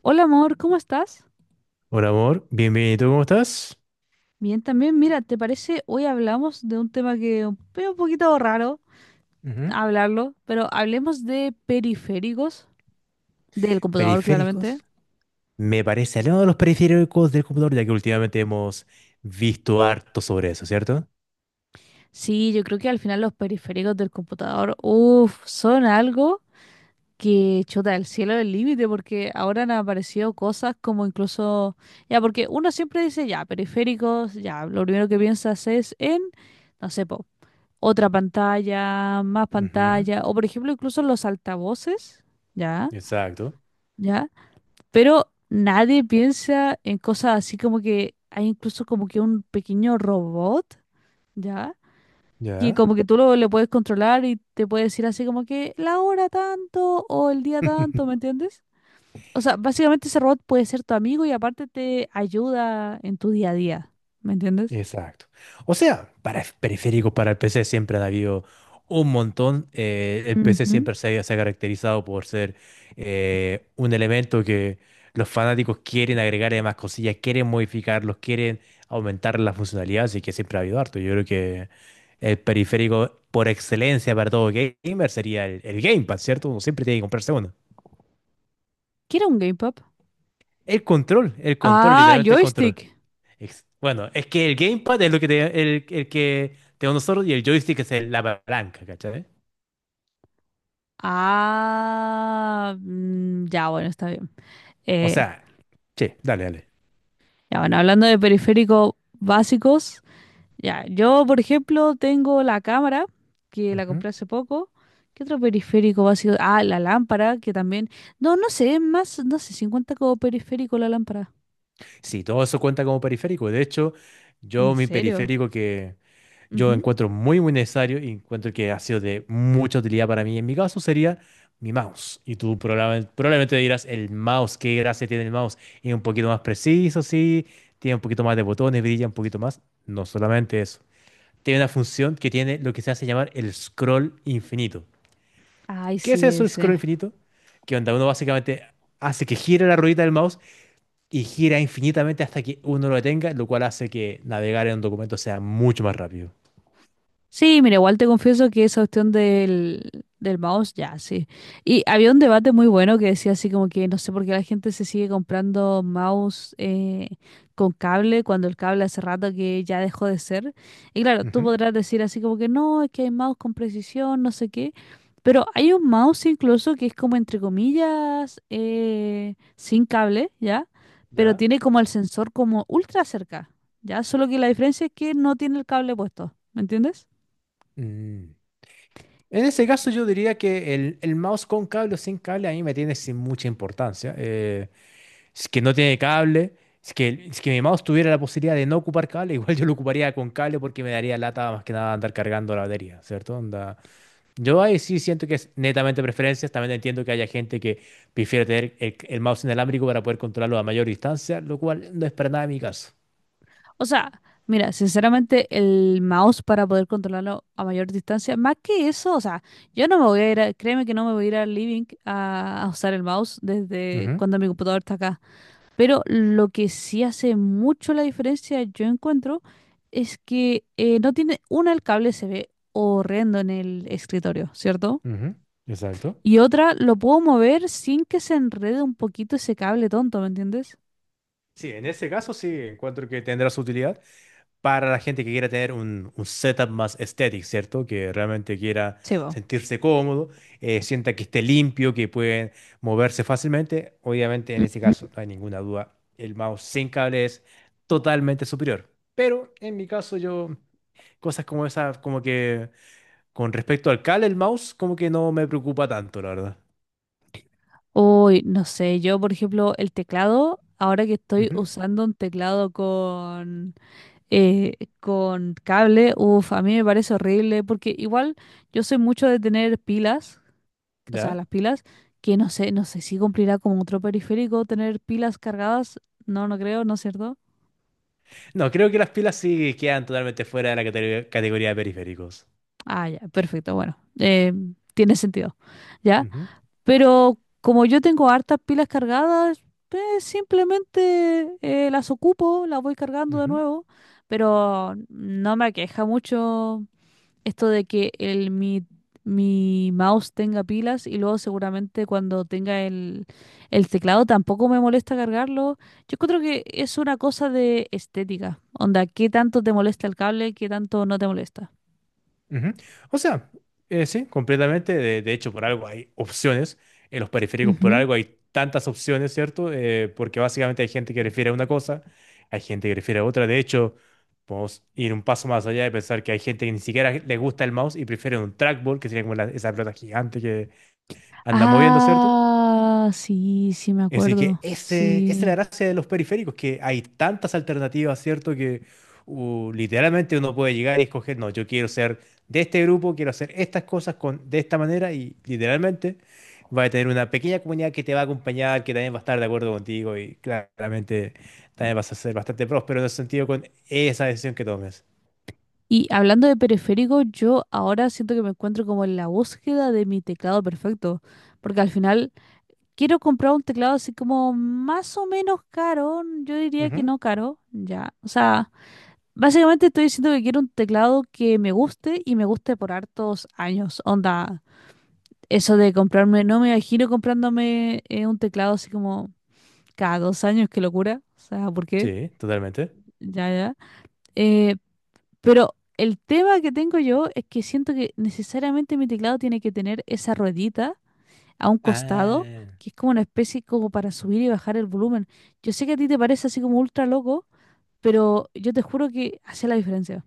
Hola amor, ¿cómo estás? Hola amor, bienvenido, ¿cómo estás? Bien, también, mira, ¿te parece? Hoy hablamos de un tema que es un poquito raro Ujú. hablarlo, pero hablemos de periféricos del computador, Periféricos. claramente. Me parece aliado de los periféricos del computador, ya que últimamente hemos visto harto sobre eso, ¿cierto? Sí, yo creo que al final los periféricos del computador, uff, son algo que chuta el cielo del límite, porque ahora han aparecido cosas como incluso, ya, porque uno siempre dice, ya, periféricos, ya, lo primero que piensas es en, no sé, po, otra pantalla, más Ujú. pantalla, o por ejemplo incluso los altavoces, ¿ya? Exacto. ¿Ya? Pero nadie piensa en cosas así como que hay incluso como que un pequeño robot, ¿ya? Y ¿Ya? como que tú le puedes controlar y te puede decir así como que la hora tanto o el día tanto, ¿me entiendes? O sea, básicamente ese robot puede ser tu amigo y aparte te ayuda en tu día a día, ¿me entiendes? Exacto. O sea, para periférico para el PC siempre han habido un montón. El PC Ujú. siempre se ha caracterizado por ser un elemento que los fanáticos quieren agregarle más cosillas, quieren modificarlos, quieren aumentar la funcionalidad, así que siempre ha habido harto. Yo creo que el periférico por excelencia para todo gamer sería el Gamepad, ¿cierto? Uno siempre tiene que comprarse uno. ¿Qué era un gamepad? El control, Ah, literalmente el control. joystick. Bueno, es que el gamepad es lo que el que tenemos nosotros y el joystick es la palanca, ¿cachai? Ah, mm, ya, bueno, está bien. O Eh, sea, sí, dale, dale. ya, bueno, hablando de periféricos básicos, ya, yo, por ejemplo, tengo la cámara, que la Ujú. compré hace poco. ¿Qué otro periférico básico? Ah, la lámpara, que también. No, no sé, es más, no sé, 50 como periférico la lámpara. Sí, todo eso cuenta como periférico. De hecho, ¿En yo mi serio? periférico que yo Ujú. encuentro muy necesario y encuentro que ha sido de mucha utilidad para mí, en mi caso sería mi mouse. Y tú probablemente dirás, el mouse, qué gracia tiene el mouse. Es un poquito más preciso, sí, tiene un poquito más de botones, brilla un poquito más. No solamente eso. Tiene una función que tiene lo que se hace llamar el scroll infinito. Ay, ¿Qué es sí, eso, el scroll ese. infinito? Que onda uno básicamente hace que gire la ruedita del mouse y gira infinitamente hasta que uno lo detenga, lo cual hace que navegar en un documento sea mucho más rápido. Sí, mira, igual te confieso que esa cuestión del mouse, ya, sí. Y había un debate muy bueno que decía así como que no sé por qué la gente se sigue comprando mouse con cable cuando el cable hace rato que ya dejó de ser. Y claro, tú Ujú. podrás decir así como que no, es que hay mouse con precisión, no sé qué. Pero hay un mouse incluso que es como entre comillas sin cable, ¿ya? Pero ¿Ya? tiene como el sensor como ultra cerca, ¿ya? Solo que la diferencia es que no tiene el cable puesto, ¿me entiendes? Mm. En ese caso yo diría que el mouse con cable o sin cable a mí me tiene sin mucha importancia. Si Es que no tiene cable. Si Es que, si es que mi mouse tuviera la posibilidad de no ocupar cable, igual yo lo ocuparía con cable porque me daría lata más que nada andar cargando la batería, ¿cierto? Onda. Yo ahí sí siento que es netamente preferencias. También entiendo que haya gente que prefiere tener el mouse inalámbrico para poder controlarlo a mayor distancia, lo cual no es para nada mi caso. O sea, mira, sinceramente el mouse para poder controlarlo a mayor distancia, más que eso, o sea, yo no me voy a ir, créeme que no me voy a ir al living a usar el mouse desde Ujú, cuando mi computador está acá. Pero lo que sí hace mucho la diferencia, yo encuentro, es que no tiene, una, el cable se ve horrendo en el escritorio, ¿cierto? ujú, exacto. Y otra, lo puedo mover sin que se enrede un poquito ese cable tonto, ¿me entiendes? Sí, en ese caso sí encuentro que tendrá su utilidad para la gente que quiera tener un setup más estético, ¿cierto? Que realmente quiera Sí, va. sentirse cómodo, sienta que esté limpio, que pueden moverse fácilmente. Obviamente, en este Ujú. caso, no hay ninguna duda, el mouse sin cable es totalmente superior. Pero en mi caso, yo, cosas como esas, como que con respecto al cable, el mouse, como que no me preocupa tanto, la verdad. Uy, no sé, yo por ejemplo el teclado, ahora que estoy Ujú, usando un teclado eh, con cable, uff, a mí me parece horrible porque igual yo soy mucho de tener pilas, o sea, ¿ya? las pilas, que no sé, no sé si cumplirá como otro periférico tener pilas cargadas, no, no creo, ¿no es cierto? No, creo que las pilas sí quedan totalmente fuera de la categoría de periféricos. Ah, ya, perfecto, bueno, tiene sentido, ¿ya? Ujú, Pero como yo tengo hartas pilas cargadas, pues simplemente las ocupo, las voy cargando de ujú. nuevo. Pero no me aqueja mucho esto de que mi mouse tenga pilas y luego seguramente cuando tenga el teclado tampoco me molesta cargarlo. Yo creo que es una cosa de estética. Onda, ¿qué tanto te molesta el cable? ¿Qué tanto no te molesta? Ujú. O sea, sí, completamente. De hecho, por algo hay opciones. En los periféricos, por Ujú. algo hay tantas opciones, ¿cierto? Porque básicamente hay gente que refiere a una cosa, hay gente que refiere a otra. De hecho, podemos ir un paso más allá de pensar que hay gente que ni siquiera le gusta el mouse y prefiere un trackball, que sería como esa pelota gigante que anda moviendo, ¿cierto? Ah, sí, sí me Así que acuerdo. ese, esa es la Sí. gracia de los periféricos, que hay tantas alternativas, ¿cierto? Que literalmente uno puede llegar y escoger, no, yo quiero ser de este grupo, quiero hacer estas cosas con, de esta manera y literalmente va a tener una pequeña comunidad que te va a acompañar, que también va a estar de acuerdo contigo y claramente también vas a ser bastante próspero en ese sentido con esa decisión que tomes. Y hablando de periféricos, yo ahora siento que me encuentro como en la búsqueda de mi teclado perfecto, porque al final quiero comprar un teclado así como más o menos caro, yo diría que Ujú. no caro, ya. O sea, básicamente estoy diciendo que quiero un teclado que me guste y me guste por hartos años. Onda, eso de comprarme, no me imagino comprándome un teclado así como cada 2 años, qué locura. O sea, ¿por qué? Sí, totalmente. Ya, ya. Eh, Pero el tema que tengo yo es que siento que necesariamente mi teclado tiene que tener esa ruedita a un costado, Ah, que es como una especie como para subir y bajar el volumen. Yo sé que a ti te parece así como ultra loco, pero yo te juro que hace la diferencia.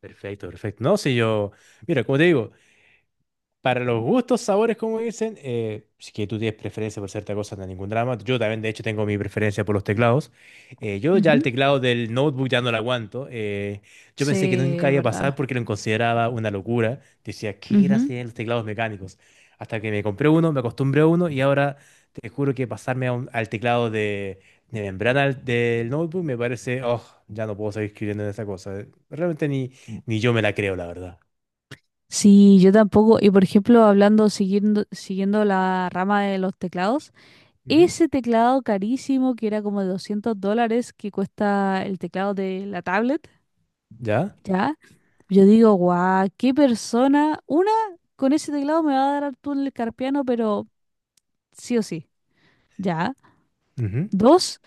perfecto, perfecto. No, si yo, mira, como te digo, para los gustos, sabores, como dicen, si que tú tienes preferencia por cierta cosa, no hay ningún drama. Yo también, de hecho, tengo mi preferencia por los teclados. Yo ya el Ujú. teclado del notebook ya no lo aguanto. Yo Sí, pensé que nunca es iba a verdad. pasar porque lo consideraba una locura. Decía, ¿qué gracia Ujú. tienen los teclados mecánicos? Hasta que me compré uno, me acostumbré a uno y ahora te juro que pasarme a al teclado de membrana del notebook me parece, oh, ya no puedo seguir escribiendo en esa cosa. Realmente ni yo me la creo, la verdad. Sí, yo tampoco. Y por ejemplo, hablando, siguiendo la rama de los teclados, Ujú. ese teclado carísimo que era como de 200 dólares que cuesta el teclado de la tablet, ¿Ya? ¿ya? Yo digo, guau, qué persona. Una, con ese teclado me va a dar al túnel carpiano, pero sí o sí. Ya. Dos,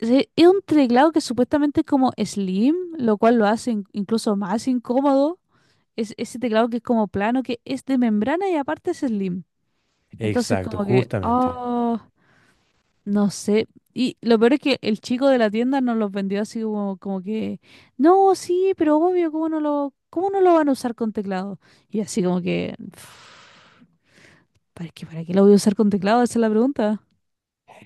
es un teclado que supuestamente es como slim, lo cual lo hace incluso más incómodo. Es ese teclado que es como plano, que es de membrana y aparte es slim. Entonces, Exacto, como que, justamente. oh. No sé. Y lo peor es que el chico de la tienda nos los vendió así como que, no, sí, pero obvio, ¿cómo no lo van a usar con teclado? Y así como que, "Pff, ¿para qué lo voy a usar con teclado? Esa es la pregunta.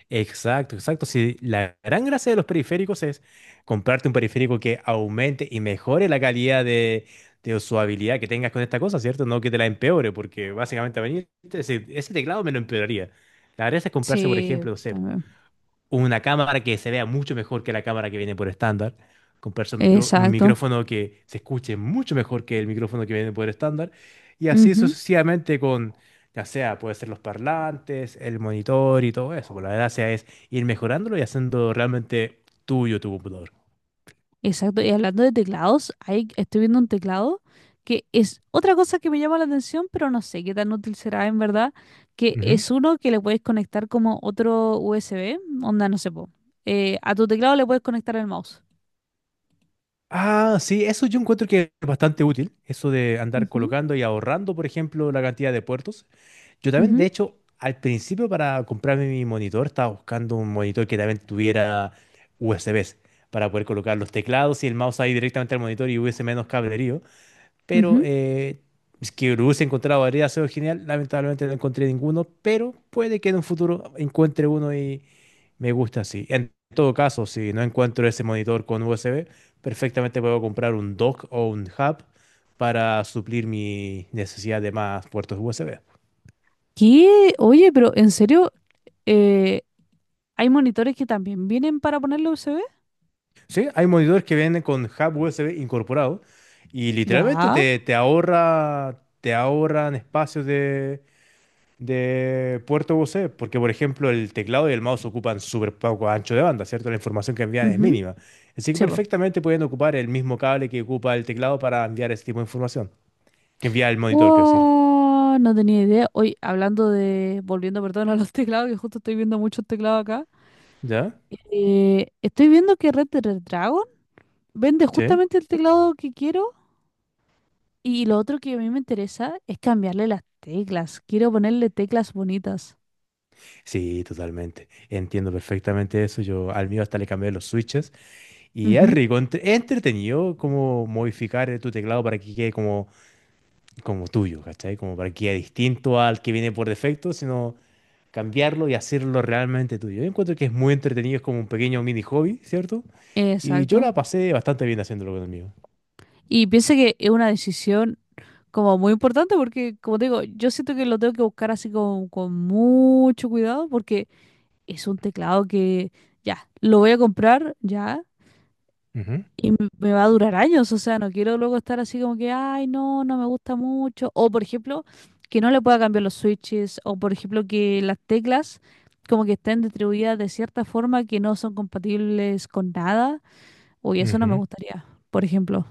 Exacto, exacto. Si la gran gracia de los periféricos es comprarte un periférico que aumente y mejore la calidad de usabilidad que tengas con esta cosa, ¿cierto? No que te la empeore, porque básicamente a venir, ese teclado me lo empeoraría. La gracia es comprarse, por Sí, ejemplo, no sé, también. una cámara que se vea mucho mejor que la cámara que viene por estándar, comprarse un Exacto. micrófono que se escuche mucho mejor que el micrófono que viene por estándar, y así Ujú. sucesivamente con, ya sea, puede ser los parlantes, el monitor y todo eso. Pues la gracia es ir mejorándolo y haciendo realmente tuyo tu computador. Exacto, y hablando de teclados, ahí estoy viendo un teclado que es otra cosa que me llama la atención, pero no sé qué tan útil será en verdad, que Ujú. es uno que le puedes conectar como otro USB, onda, no sé, po, a tu teclado le puedes conectar el mouse. Ah, sí, eso yo encuentro que es bastante útil, eso de andar Ujú. colocando y ahorrando, por ejemplo, la cantidad de puertos. Yo también, de Ujú, hecho, al principio para comprarme mi monitor estaba buscando un monitor que también tuviera USBs para poder colocar los teclados y el mouse ahí directamente al monitor y hubiese menos cablerío. Pero ujú. Es que lo hubiese encontrado habría sido genial. Lamentablemente no encontré ninguno, pero puede que en un futuro encuentre uno y me gusta así. En todo caso, si no encuentro ese monitor con USB, perfectamente puedo comprar un dock o un hub para suplir mi necesidad de más puertos USB. ¿Qué? Oye, pero en serio, eh, ¿hay monitores que también vienen para ponerle USB? Sí, hay monitores que vienen con hub USB incorporado y literalmente Ya. te ahorra, te ahorran espacios de puerto USB, porque por ejemplo el teclado y el mouse ocupan súper poco ancho de banda, ¿cierto? La información que envían es Ujú. mínima. Así que Sí, po. perfectamente pueden ocupar el mismo cable que ocupa el teclado para enviar ese tipo de información, que envía el monitor, quiero decir. Wow, no tenía idea. Hoy, hablando de, volviendo, perdón, a los teclados, que justo estoy viendo muchos teclados acá. ¿Ya? Estoy viendo que Red Dead Dragon vende ¿Sí? justamente el teclado que quiero y lo otro que a mí me interesa es cambiarle las teclas. Quiero ponerle teclas bonitas. Sí, totalmente. Entiendo perfectamente eso. Yo al mío hasta le cambié los switches. Y es Ujú, rico, es entretenido como modificar tu teclado para que quede como, como tuyo, ¿cachai? Como para que quede distinto al que viene por defecto, sino cambiarlo y hacerlo realmente tuyo. Yo encuentro que es muy entretenido, es como un pequeño mini hobby, ¿cierto? Y yo Exacto. la pasé bastante bien haciéndolo con amigos. Y pienso que es una decisión como muy importante porque, como te digo, yo siento que lo tengo que buscar así con mucho cuidado porque es un teclado que ya, lo voy a comprar ya, Ujú, Y me va a durar años, o sea, no quiero luego estar así como que, ay, no, no me gusta mucho. O, por ejemplo, que no le pueda cambiar los switches. O, por ejemplo, que las teclas como que estén distribuidas de cierta forma que no son compatibles con nada. Uy, eso no me ujú. gustaría, por ejemplo.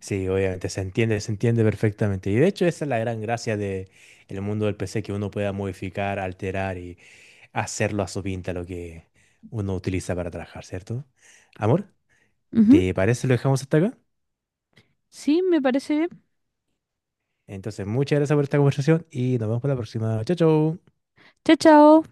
Sí, obviamente, se entiende perfectamente. Y de hecho esa es la gran gracia de el mundo del PC, que uno pueda modificar, alterar y hacerlo a su pinta lo que uno utiliza para trabajar, ¿cierto? Amor. Ujú. ¿Te parece si lo dejamos hasta acá? Sí, me parece bien. Entonces, muchas gracias por esta conversación y nos vemos para la próxima. Chao, chao. Chao, chao.